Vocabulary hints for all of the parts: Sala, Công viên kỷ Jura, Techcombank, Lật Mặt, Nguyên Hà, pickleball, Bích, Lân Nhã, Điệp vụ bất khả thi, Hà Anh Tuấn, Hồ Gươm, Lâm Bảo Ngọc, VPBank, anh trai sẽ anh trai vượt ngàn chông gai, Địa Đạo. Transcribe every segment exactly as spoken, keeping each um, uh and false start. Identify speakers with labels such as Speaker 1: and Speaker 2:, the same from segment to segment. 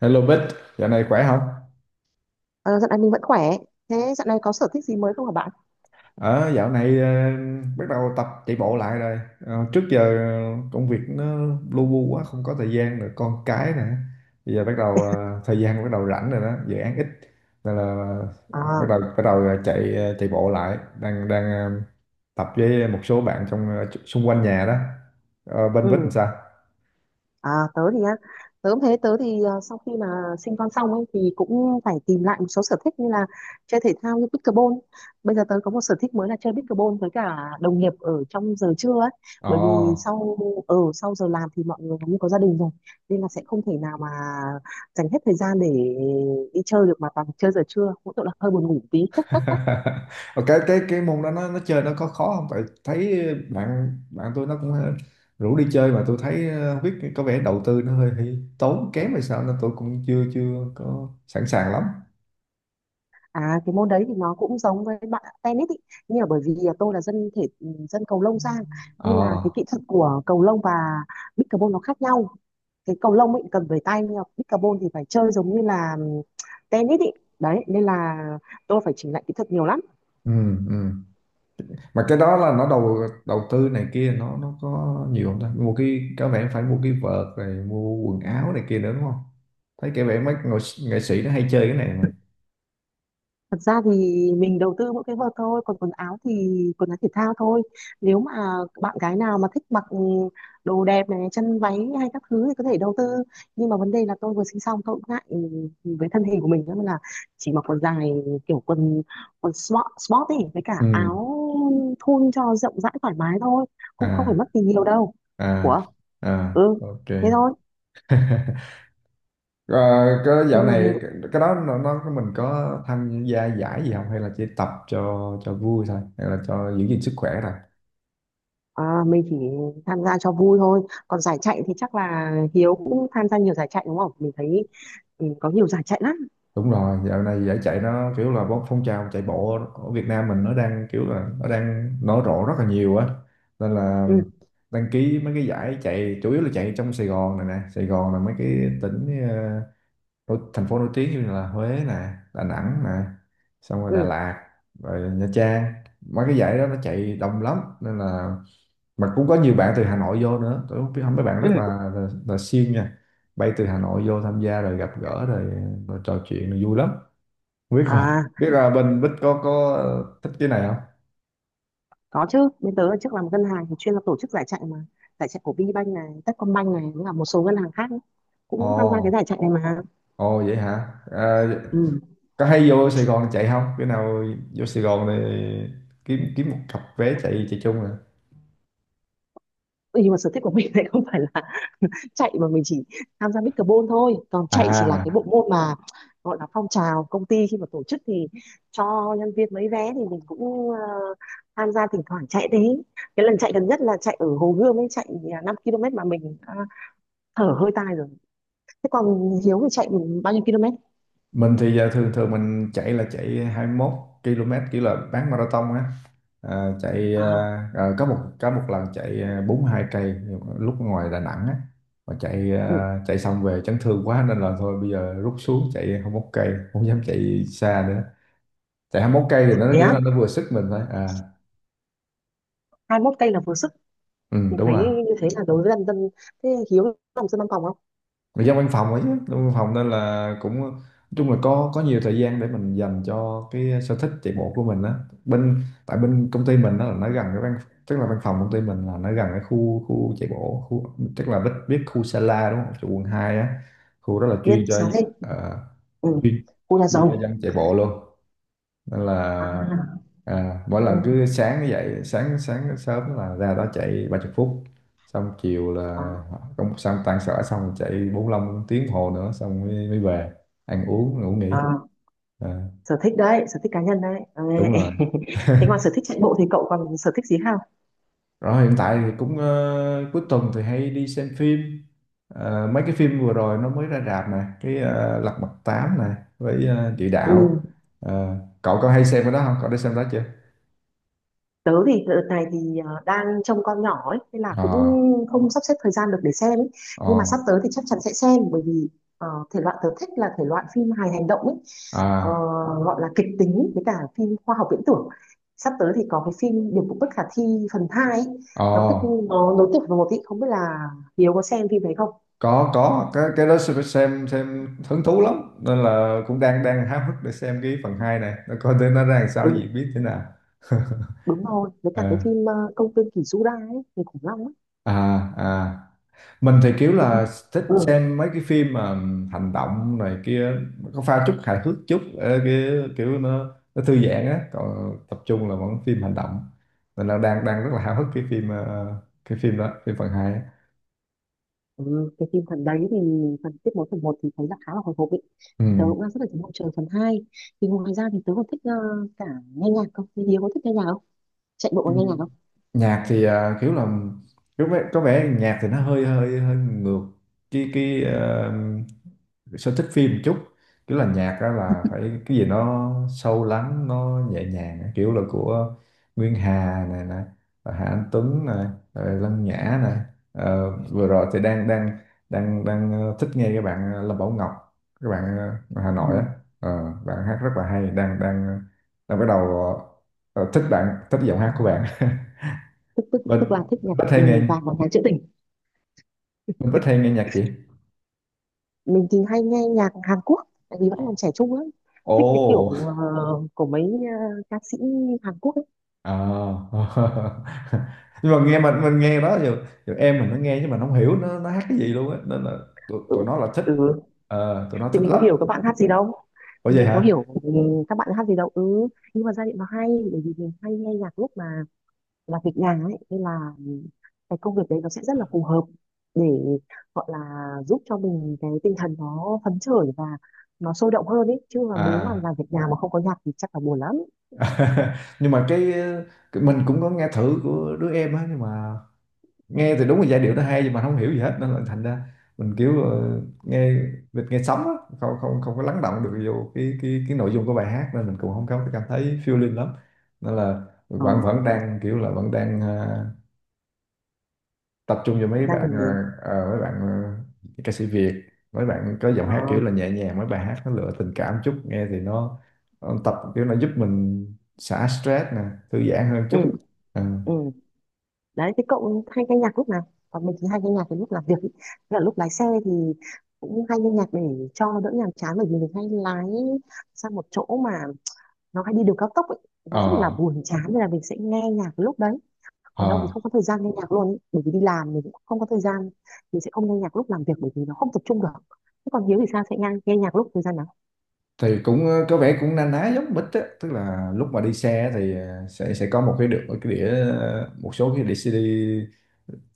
Speaker 1: Hello Bích, dạo này khỏe không?
Speaker 2: Ờ, dạo này mình vẫn khỏe. Thế dạo này có sở thích gì mới không hả bạn?
Speaker 1: Ờ, Dạo này ờ, bắt đầu tập chạy bộ lại rồi. Ờ, trước giờ ờ, công việc nó lu bu quá, không có thời gian rồi, con cái nè. Bây giờ bắt đầu ờ, thời gian bắt đầu rảnh rồi đó, dự án ít nên là ờ, bắt
Speaker 2: À,
Speaker 1: đầu bắt đầu ờ, chạy ờ, chạy bộ lại, đang đang ờ, tập với một số bạn trong ờ, xung quanh nhà đó. Ờ, bên Bích làm
Speaker 2: ừ.
Speaker 1: sao?
Speaker 2: À, tớ thì á, tớ cũng thế tớ thì à, sau khi mà sinh con xong ấy thì cũng phải tìm lại một số sở thích như là chơi thể thao như pickleball. Bây giờ tớ có một sở thích mới là chơi pickleball với cả đồng nghiệp ở trong giờ trưa ấy.
Speaker 1: Ồ.
Speaker 2: Bởi vì sau Ở sau giờ làm thì mọi người cũng có gia đình rồi nên là sẽ không thể nào mà dành hết thời gian để đi chơi được, mà toàn chơi giờ trưa. Mỗi tội là hơi buồn ngủ tí.
Speaker 1: Ờ, cái cái cái môn đó nó nó chơi nó có khó không, tại thấy bạn bạn tôi nó cũng rủ đi chơi, mà tôi thấy ờ, không biết, có vẻ đầu tư nó hơi, hơi tốn kém hay sao, nên tôi cũng chưa chưa có sẵn sàng lắm.
Speaker 2: À, cái môn đấy thì nó cũng giống với bạn tennis ý. Nhưng mà bởi vì tôi là dân thể ừ, dân cầu lông sang,
Speaker 1: ờ
Speaker 2: nên là cái kỹ thuật của cầu lông và pickleball nó khác nhau. Cái cầu lông ấy cần về tay, nhưng mà pickleball thì phải chơi giống như là ừ, tennis ý. Đấy nên là tôi phải chỉnh lại kỹ thuật nhiều lắm.
Speaker 1: ừ, ừ. Mà cái đó là nó đầu đầu tư này kia, nó nó có nhiều không, ta mua, cái có vẻ phải mua cái vợt rồi mua quần áo này kia nữa đúng không? Thấy cái vẻ mấy nghệ, sĩ nghệ sĩ nó hay chơi cái này mà.
Speaker 2: Thật ra thì mình đầu tư mỗi cái vợt thôi, còn quần áo thì quần áo thể thao thôi. Nếu mà bạn gái nào mà thích mặc ừ, đồ đẹp này, chân váy hay các thứ thì có thể đầu tư. Nhưng mà vấn đề là tôi vừa sinh xong tôi cũng ngại ừ, với thân hình của mình, nên là chỉ mặc quần dài, kiểu quần quần sport, sport ấy, với cả
Speaker 1: ừ
Speaker 2: áo thun cho rộng rãi thoải mái thôi,
Speaker 1: à
Speaker 2: cũng không phải mất gì nhiều đâu.
Speaker 1: à
Speaker 2: Ủa,
Speaker 1: À,
Speaker 2: ừ,
Speaker 1: ok.
Speaker 2: thế thôi.
Speaker 1: Ờ, cái
Speaker 2: Ừ.
Speaker 1: dạo này cái, cái đó nó, nó mình có tham gia giải gì không, hay là chỉ tập cho cho vui thôi, hay là cho giữ gìn sức khỏe thôi?
Speaker 2: À, mình chỉ tham gia cho vui thôi. Còn giải chạy thì chắc là Hiếu cũng tham gia nhiều giải chạy đúng không? Mình thấy ừ, có nhiều giải chạy lắm.
Speaker 1: Đúng rồi, dạo này giải chạy nó kiểu là bó- phong trào chạy bộ ở Việt Nam mình nó đang kiểu là nó đang nở rộ rất là nhiều á, nên là
Speaker 2: Ừ,
Speaker 1: đăng ký mấy cái giải chạy, chủ yếu là chạy trong Sài Gòn này nè. Sài Gòn là mấy cái tỉnh ờ, nổi- thành phố nổi tiếng như là Huế nè, Đà Nẵng nè, xong rồi Đà
Speaker 2: ừ,
Speaker 1: Lạt, rồi Nha Trang. Mấy cái giải đó nó chạy đông lắm, nên là mà cũng có nhiều bạn từ Hà Nội vô nữa. Tôi không biết mấy bạn rất
Speaker 2: ừ.
Speaker 1: là là, là siêng nha, bay từ Hà Nội vô tham gia rồi gặp gỡ rồi, rồi trò chuyện rồi vui lắm biết không.
Speaker 2: À,
Speaker 1: Biết là bên Bích có có thích cái này không?
Speaker 2: có chứ. Bên tớ trước làm ngân hàng thì chuyên là tổ chức giải chạy mà. Giải chạy của VPBank này, Techcombank này, với cả một số ngân hàng khác ấy,
Speaker 1: Ồ.
Speaker 2: cũng tham gia cái giải chạy này mà.
Speaker 1: Ồ, vậy hả? À,
Speaker 2: Ừ.
Speaker 1: có hay vô Sài Gòn chạy không? Cái nào vô Sài Gòn thì kiếm kiếm một cặp vé chạy chạy chung rồi.
Speaker 2: Ừ, nhưng mà sở thích của mình lại không phải là chạy, mà mình chỉ tham gia pickleball thôi. Còn chạy chỉ là cái bộ
Speaker 1: à
Speaker 2: môn mà gọi là phong trào công ty, khi mà tổ chức thì cho nhân viên mấy vé thì mình cũng ờ, tham gia thỉnh thoảng chạy đấy. Cái lần chạy gần nhất là chạy ở Hồ Gươm ấy, chạy à, năm ki lô mét mà mình à, thở hơi tai rồi. Thế còn Hiếu thì chạy bao nhiêu km?
Speaker 1: mình thì giờ thường thường mình chạy là chạy hai mươi mốt ki lô mét, kiểu là bán marathon á. à, chạy à,
Speaker 2: À,
Speaker 1: à, có một có một lần chạy à, bốn mươi hai cây lúc ngoài Đà Nẵng á, mà chạy
Speaker 2: ừ.
Speaker 1: à, chạy xong về chấn thương quá nên là thôi, bây giờ rút xuống chạy hai mươi mốt cây, không dám chạy xa nữa. Chạy hai mươi mốt cây thì nó
Speaker 2: Thế
Speaker 1: kiểu
Speaker 2: á,
Speaker 1: là nó vừa sức mình thôi à.
Speaker 2: hai mốt cây là vừa sức.
Speaker 1: Ừ,
Speaker 2: Mình
Speaker 1: đúng
Speaker 2: thấy
Speaker 1: rồi.
Speaker 2: như thế là đối với dân dân, thế Hiếu làm dân văn phòng không?
Speaker 1: Mà dân văn phòng ấy chứ, dân văn phòng nên là cũng nói chung là có có nhiều thời gian để mình dành cho cái sở thích chạy bộ của mình á. Bên tại bên công ty mình đó là nó gần cái văn, tức là văn phòng công ty mình là nó gần cái khu khu chạy bộ khu, tức là biết biết khu Sala đúng không, chỗ quận hai á. Khu đó là
Speaker 2: Biết
Speaker 1: chuyên cho
Speaker 2: xá thế,
Speaker 1: ờ,
Speaker 2: ừ.
Speaker 1: chuyên,
Speaker 2: Cô là
Speaker 1: chuyên cho
Speaker 2: giàu
Speaker 1: dân chạy bộ luôn, nên là
Speaker 2: à,
Speaker 1: à, mỗi
Speaker 2: ừ.
Speaker 1: lần cứ sáng dậy sáng sáng sớm là ra đó chạy ba mươi phút, xong chiều
Speaker 2: À,
Speaker 1: là công xong tan sở xong chạy bốn mươi lăm tiếng đồng hồ nữa xong mới, mới về ăn uống ngủ nghỉ.
Speaker 2: à.
Speaker 1: à,
Speaker 2: Sở thích đấy, sở thích cá nhân đấy. Ờ,
Speaker 1: Đúng rồi.
Speaker 2: thế còn sở thích chạy bộ thì cậu còn sở thích gì không?
Speaker 1: Rồi hiện tại thì cũng ờ, cuối tuần thì hay đi xem phim. Ờ, mấy cái phim vừa rồi nó mới ra rạp nè, cái ờ, Lật Mặt tám nè, với ờ, Địa Đạo.
Speaker 2: Ừ.
Speaker 1: Ờ, Cậu có hay xem cái đó không, cậu đã xem đó chưa?
Speaker 2: Tớ thì đợt này thì ờ, đang trông con nhỏ ấy nên là cũng
Speaker 1: ờ
Speaker 2: không sắp xếp thời gian được để xem ấy.
Speaker 1: ờ
Speaker 2: Nhưng mà sắp tới thì chắc chắn sẽ xem, bởi vì ờ, thể loại tớ thích là thể loại phim hài hành động ấy. Ờ,
Speaker 1: à
Speaker 2: gọi là kịch tính, với cả phim khoa học viễn tưởng. Sắp tới thì có cái phim Điệp vụ bất khả thi phần hai ấy.
Speaker 1: ờ
Speaker 2: Nó kết, nó nối tiếp vào một ý, không biết là Hiếu có xem phim đấy không.
Speaker 1: có, có cái cái đó xem, xem xem hứng thú lắm, nên là cũng đang đang háo hức để xem cái phần hai này, nó coi tới nó ra làm sao, nó diễn
Speaker 2: Ừ,
Speaker 1: biến thế nào.
Speaker 2: đúng rồi, với cả cái
Speaker 1: à,
Speaker 2: phim ờ, công viên kỷ Jura ấy, người khủng long ấy
Speaker 1: à À, mình thì kiểu
Speaker 2: thì
Speaker 1: là
Speaker 2: cũng
Speaker 1: thích
Speaker 2: ừ.
Speaker 1: xem mấy cái phim mà hành động này kia, có pha chút hài hước chút, ờ, cái kiểu nó nó thư giãn á, còn tập trung là vẫn phim hành động. Nên là đang đang rất là háo hức cái phim ờ, cái phim đó, phim phần hai á.
Speaker 2: Ừ. Cái phim phần đấy thì phần tiết mối, phần một thì thấy là khá là hồi hộp ấy, thì tớ cũng đang rất là chờ mong chờ phần hai. Thì ngoài ra thì tớ còn thích ờ, cả nghe nhạc. Không thì Hiếu có thích nghe nhạc không? Chạy bộ
Speaker 1: Ừ.
Speaker 2: có nghe nhạc không?
Speaker 1: Nhạc thì à, kiểu là kiểu vẻ- có vẻ nhạc thì nó hơi hơi hơi ngược cái cái ờ, sở thích phim một chút. Kiểu là nhạc đó là phải cái gì nó sâu lắng, nó nhẹ nhàng á. Kiểu là của Nguyên Hà này nè, rồi Hà Anh Tuấn này, rồi Lân Nhã này. Ờ, vừa rồi thì đang đang đang đang ờ, thích nghe các bạn ờ, Lâm Bảo Ngọc, các bạn ờ, ở Hà
Speaker 2: Ừ.
Speaker 1: Nội á. Ờ, bạn hát rất là hay, đang đang ờ, đang bắt đầu ờ, thích bạn, thích giọng hát của bạn.
Speaker 2: tức tức
Speaker 1: Mình,
Speaker 2: tức là thích
Speaker 1: mình
Speaker 2: nhạc
Speaker 1: rất hay
Speaker 2: ừ,
Speaker 1: nghe,
Speaker 2: vàng và nhạc trữ tình.
Speaker 1: mình rất hay nghe nhạc gì.
Speaker 2: Mình thì hay nghe nhạc Hàn Quốc, tại vì vẫn còn trẻ trung lắm. Thích cái
Speaker 1: Ồ.
Speaker 2: kiểu ờ, của mấy ờ, ca sĩ Hàn Quốc ấy.
Speaker 1: À. Nhưng mà nghe, mình mình nghe đó giờ, giờ em mình nó nghe chứ mình không hiểu nó nó hát cái gì luôn á, nên là tụi, tụi
Speaker 2: Ừ.
Speaker 1: nó là thích.
Speaker 2: Ừ.
Speaker 1: Ờ, tụi nó
Speaker 2: Thì
Speaker 1: thích
Speaker 2: mình có
Speaker 1: lắm.
Speaker 2: hiểu các bạn hát gì đâu,
Speaker 1: Ủa
Speaker 2: thì
Speaker 1: vậy
Speaker 2: mình có hiểu
Speaker 1: hả?
Speaker 2: ừ, các bạn hát gì đâu ừ. Nhưng mà giai điệu nó hay, bởi vì mình hay nghe nhạc lúc mà là việc nhà ấy, nên là cái công việc đấy nó sẽ rất là phù hợp để gọi là giúp cho mình cái tinh thần nó phấn khởi và nó sôi động hơn ấy. Chứ mà nếu mà làm
Speaker 1: À.
Speaker 2: việc nhà mà không có nhạc thì chắc là buồn lắm.
Speaker 1: Nhưng mà cái, cái mình cũng có nghe thử của đứa em á, nhưng mà nghe thì đúng là giai điệu nó hay nhưng mà không hiểu gì hết, nên là thành ra mình kiểu ờ, nghe, mình nghe sóng á, không không không có lắng động được vô cái cái cái nội dung của bài hát, nên mình cũng không có cảm thấy feeling lắm. Nên là
Speaker 2: Ờ,
Speaker 1: vẫn vẫn đang kiểu là vẫn đang ờ, tập trung vào mấy
Speaker 2: vẫn đang
Speaker 1: bạn
Speaker 2: ok.
Speaker 1: ờ, ờ, mấy bạn ờ, ca sĩ Việt, mấy bạn có giọng
Speaker 2: Ờ,
Speaker 1: hát kiểu là nhẹ nhàng, mấy bài hát nó lựa tình cảm chút, nghe thì nó, nó tập kiểu nó giúp mình xả stress nè, thư giãn hơn
Speaker 2: ừ,
Speaker 1: chút. Ừ.
Speaker 2: ừ. Đấy, thế cậu hay nghe nhạc lúc nào? Còn mình thì hay nghe nhạc cái lúc làm việc ý. Tức là lúc lái xe thì cũng hay nghe nhạc để cho đỡ nhàm chán, bởi vì mình hay lái sang một chỗ mà nó hay đi đường cao tốc ấy. Nó
Speaker 1: ờ
Speaker 2: rất là buồn chán nên là mình sẽ nghe nhạc lúc đấy. Còn đâu thì
Speaker 1: ờ
Speaker 2: không có thời gian nghe nhạc luôn ý, bởi vì đi làm mình cũng không có thời gian. Mình sẽ không nghe nhạc lúc làm việc, bởi vì nó không tập trung được. Thế còn Hiếu thì sao, sẽ nghe, nghe nhạc lúc thời gian nào?
Speaker 1: thì cũng ờ, có vẻ cũng na ná giống mít á, tức là lúc mà đi xe thì ờ, sẽ sẽ có một cái đĩa, cái đĩa ờ, một số cái đĩa si di,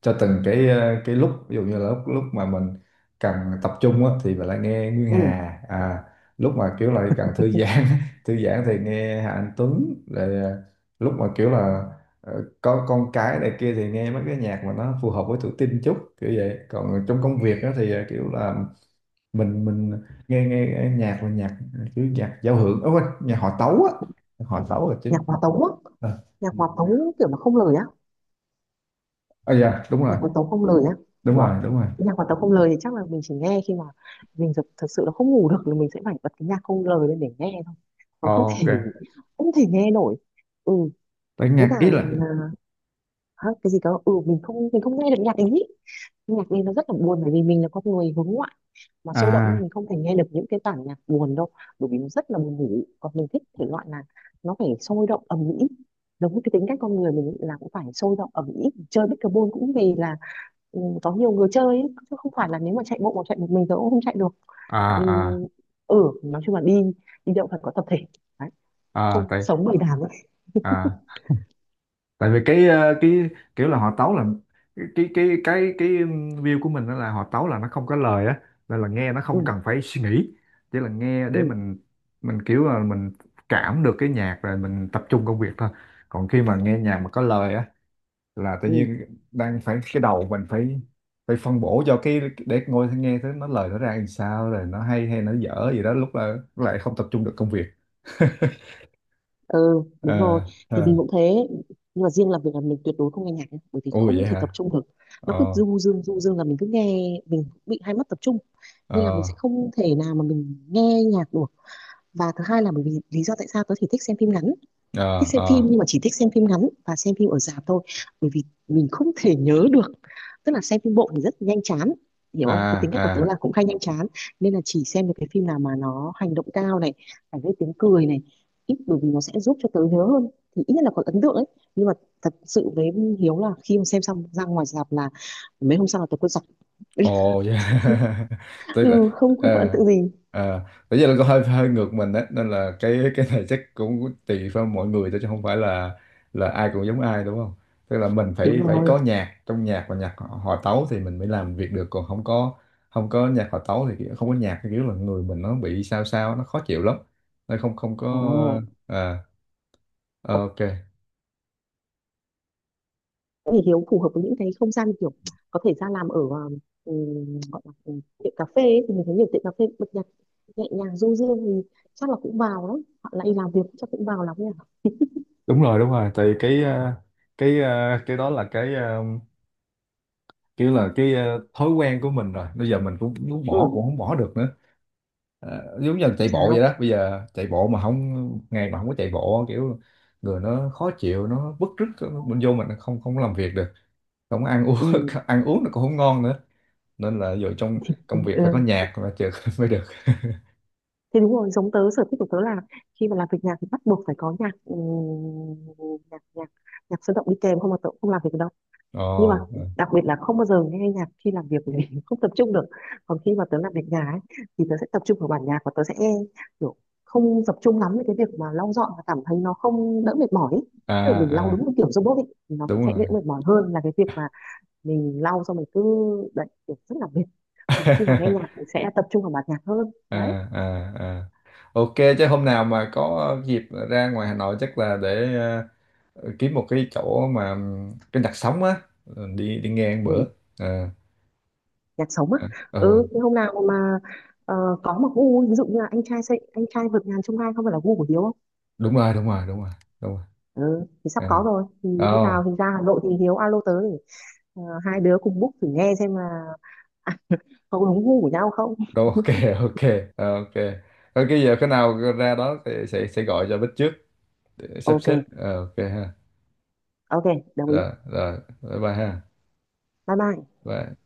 Speaker 1: cho từng cái ờ, cái lúc. Ví dụ như là lúc lúc mà mình cần tập trung á thì mình lại nghe Nguyên
Speaker 2: Ừ.
Speaker 1: Hà. À lúc mà kiểu lại cần thư giãn thư giãn thì nghe Hà Anh Tuấn, rồi ờ, lúc mà kiểu là ờ, có con cái này kia thì nghe mấy cái nhạc mà nó phù hợp với tuổi teen chút, kiểu vậy. Còn trong công việc á thì ờ, kiểu là mình mình nghe nghe, nghe nhạc là nhạc chứ, nhạc giao hưởng, ở quên, nhạc họ tấu á, họ tấu là
Speaker 2: Nhạc
Speaker 1: chính.
Speaker 2: hòa tấu á.
Speaker 1: Ờ.
Speaker 2: Nhạc hòa tấu kiểu mà không lời á.
Speaker 1: À dạ đúng rồi.
Speaker 2: Nhạc hòa tấu không lời á.
Speaker 1: Đúng
Speaker 2: Ủa?
Speaker 1: rồi, đúng rồi.
Speaker 2: Cái nhạc hòa tấu không lời thì chắc là mình chỉ nghe khi mà mình thực, thực sự là không ngủ được, là mình sẽ phải bật cái nhạc không lời lên để nghe thôi,
Speaker 1: Ờ,
Speaker 2: còn không
Speaker 1: ok.
Speaker 2: thể, không thể nghe nổi ừ.
Speaker 1: Tại
Speaker 2: Với
Speaker 1: nhạc
Speaker 2: cả
Speaker 1: ý là
Speaker 2: à, hả, cái gì cơ? Ừ mình không, mình không nghe được nhạc ý. Nhạc đi nó rất là buồn, bởi vì mình là con người hướng ngoại mà sôi động, nên
Speaker 1: à
Speaker 2: mình không thể nghe được những cái bản nhạc buồn đâu, bởi vì nó rất là buồn ngủ. Còn mình thích thể loại là nó phải sôi động ầm ĩ, giống như cái tính cách con người mình là cũng phải sôi động ầm ĩ. Chơi pickleball cũng vì là ừ, có nhiều người chơi ý. Chứ không phải là, nếu mà chạy bộ mà chạy một mình thì cũng không chạy được,
Speaker 1: à
Speaker 2: tại vì
Speaker 1: à
Speaker 2: ừ, nói chung là đi, đi đâu phải có tập thể. Đấy.
Speaker 1: à
Speaker 2: Không
Speaker 1: tại
Speaker 2: sống bầy đàn ấy,
Speaker 1: à tại vì cái ờ, cái kiểu là họ tấu là cái cái cái cái, cái view của mình đó là họ tấu là nó không có lời á, nên là nghe nó
Speaker 2: ừ,
Speaker 1: không cần phải suy nghĩ, chỉ là nghe để
Speaker 2: ừ,
Speaker 1: mình mình kiểu là mình cảm được cái nhạc rồi mình tập trung công việc thôi. Còn khi mà nghe nhạc mà có lời á là tự
Speaker 2: ừ.
Speaker 1: nhiên đang phải, cái đầu mình phải phải phân bổ cho cái để ngồi nghe thấy nó lời nó ra làm sao, rồi nó hay hay nó dở gì đó, lúc là lúc lại không tập trung được công việc.
Speaker 2: Ừ, đúng rồi,
Speaker 1: ờ
Speaker 2: thì
Speaker 1: ờ
Speaker 2: mình cũng thế. Nhưng mà riêng làm việc là mình tuyệt đối không nghe nhạc nhé, bởi vì
Speaker 1: Ui
Speaker 2: không
Speaker 1: vậy
Speaker 2: thể tập
Speaker 1: hả?
Speaker 2: trung được. Nó cứ
Speaker 1: ờ
Speaker 2: du dương du dương là mình cứ nghe, mình bị hai mắt tập trung, nên là mình
Speaker 1: ờ
Speaker 2: sẽ không thể nào mà mình nghe nhạc được. Và thứ hai là bởi vì lý do tại sao tớ thì thích xem phim ngắn, thích
Speaker 1: ờ
Speaker 2: xem phim,
Speaker 1: ờ
Speaker 2: nhưng mà chỉ thích xem phim ngắn và xem phim ở rạp thôi. Bởi vì mình không thể nhớ được, tức là xem phim bộ thì rất nhanh chán, hiểu không, cái
Speaker 1: à
Speaker 2: tính cách của tớ
Speaker 1: à
Speaker 2: là cũng hay nhanh chán. Nên là chỉ xem được cái phim nào mà nó hành động cao này, phải gây tiếng cười này, ít, bởi vì nó sẽ giúp cho tớ nhớ hơn, thì ít nhất là có ấn tượng ấy. Nhưng mà thật sự với Hiếu là khi mà xem xong ra ngoài rạp là mấy hôm sau là tớ quên sạch.
Speaker 1: Ồ yeah. Tức là
Speaker 2: Ừ, không, không có ấn
Speaker 1: ờ,
Speaker 2: tượng gì.
Speaker 1: ờ, bây giờ là có hơi hơi ngược mình á, nên là cái cái này chắc cũng tùy vào mọi người thôi chứ không phải là là ai cũng giống ai đúng không? Tức là mình
Speaker 2: Đúng
Speaker 1: phải phải
Speaker 2: rồi.
Speaker 1: có nhạc, trong nhạc và nhạc họ- hòa tấu thì mình mới làm việc được, còn không có không có nhạc hòa tấu thì kiểu- không có nhạc thì kiểu là người mình nó bị sao sao nó khó chịu lắm. Nó không không có
Speaker 2: Ồ,
Speaker 1: ờ, ờ, ok.
Speaker 2: thì Hiếu phù hợp với những cái không gian kiểu có thể ra làm ở um, gọi là ừ, tiệm cà phê ấy. Thì mình thấy nhiều tiệm cà phê bật nhạc nhẹ nhàng du dương, thì chắc là cũng vào đó họ lại làm việc chắc cũng vào lắm nhỉ.
Speaker 1: Đúng rồi, đúng rồi. Tại cái ờ, cái ờ, cái đó là cái ờ, kiểu là cái ờ, thói quen của mình rồi, bây giờ mình cũng muốn bỏ cũng
Speaker 2: Ừ,
Speaker 1: không bỏ được nữa. Ờ, giống như là
Speaker 2: không
Speaker 1: chạy bộ vậy
Speaker 2: sao,
Speaker 1: đó, bây giờ chạy bộ mà không, ngày mà không có chạy bộ kiểu người nó khó chịu, nó bứt rứt, nó- mình vô mình không không làm việc được, không ăn uống
Speaker 2: ừ.
Speaker 1: ăn uống nó cũng không ngon nữa, nên là giờ trong
Speaker 2: Thì,
Speaker 1: công việc phải có
Speaker 2: ừ,
Speaker 1: nhạc mà chừng mới được.
Speaker 2: thế đúng rồi, giống tớ. Sở thích của tớ là khi mà làm việc nhạc thì bắt buộc phải có nhạc ừ, nhạc nhạc nhạc sôi động đi kèm, không mà tớ cũng không làm việc được đâu.
Speaker 1: ồ
Speaker 2: Nhưng mà đặc biệt là không bao giờ nghe nhạc khi làm việc, bởi vì không tập trung được. Còn khi mà tớ làm việc nhà ấy, thì tớ sẽ tập trung vào bản nhạc và tớ sẽ kiểu không tập trung lắm với cái việc mà lau dọn, và cảm thấy nó không đỡ mệt mỏi ấy.
Speaker 1: à
Speaker 2: Tức là mình lau
Speaker 1: à
Speaker 2: đúng một kiểu robot ấy, thì nó cũng
Speaker 1: Đúng
Speaker 2: sẽ đỡ
Speaker 1: rồi.
Speaker 2: mệt mỏi hơn là cái việc mà mình lau xong mình cứ đấy, kiểu rất là mệt. Còn khi mà nghe nhạc thì sẽ tập trung vào bản nhạc hơn
Speaker 1: à
Speaker 2: đấy.
Speaker 1: à à ok, chứ hôm nào mà có dịp ra ngoài Hà Nội chắc là để ờ, Ờ, kiếm một cái chỗ mà trên đặt sóng á, ờ, đi đi nghe ăn bữa
Speaker 2: Ừ,
Speaker 1: à,
Speaker 2: nhạc sống á.
Speaker 1: à, ờ,
Speaker 2: Ừ, thế hôm nào mà ờ, có một gu, ví dụ như là anh trai, sẽ anh trai vượt ngàn chông gai không phải là gu của Hiếu.
Speaker 1: đúng rồi, đúng rồi đúng rồi đúng rồi.
Speaker 2: Ừ, thì sắp có rồi, thì
Speaker 1: à,
Speaker 2: hôm
Speaker 1: oh,
Speaker 2: nào thì ra Hà Nội thì Hiếu alo tớ để ờ, hai đứa cùng book thử nghe xem là có đúng gu của nhau không.
Speaker 1: đâu ok. ok ờ, ok. Thôi cái giờ cái nào ra đó thì sẽ sẽ gọi cho Bích trước để sắp xếp.
Speaker 2: Ok,
Speaker 1: Ờ, ok ha.
Speaker 2: ok, đồng ý.
Speaker 1: Rồi rồi, bye bye ha.
Speaker 2: Bye bye.
Speaker 1: Bye.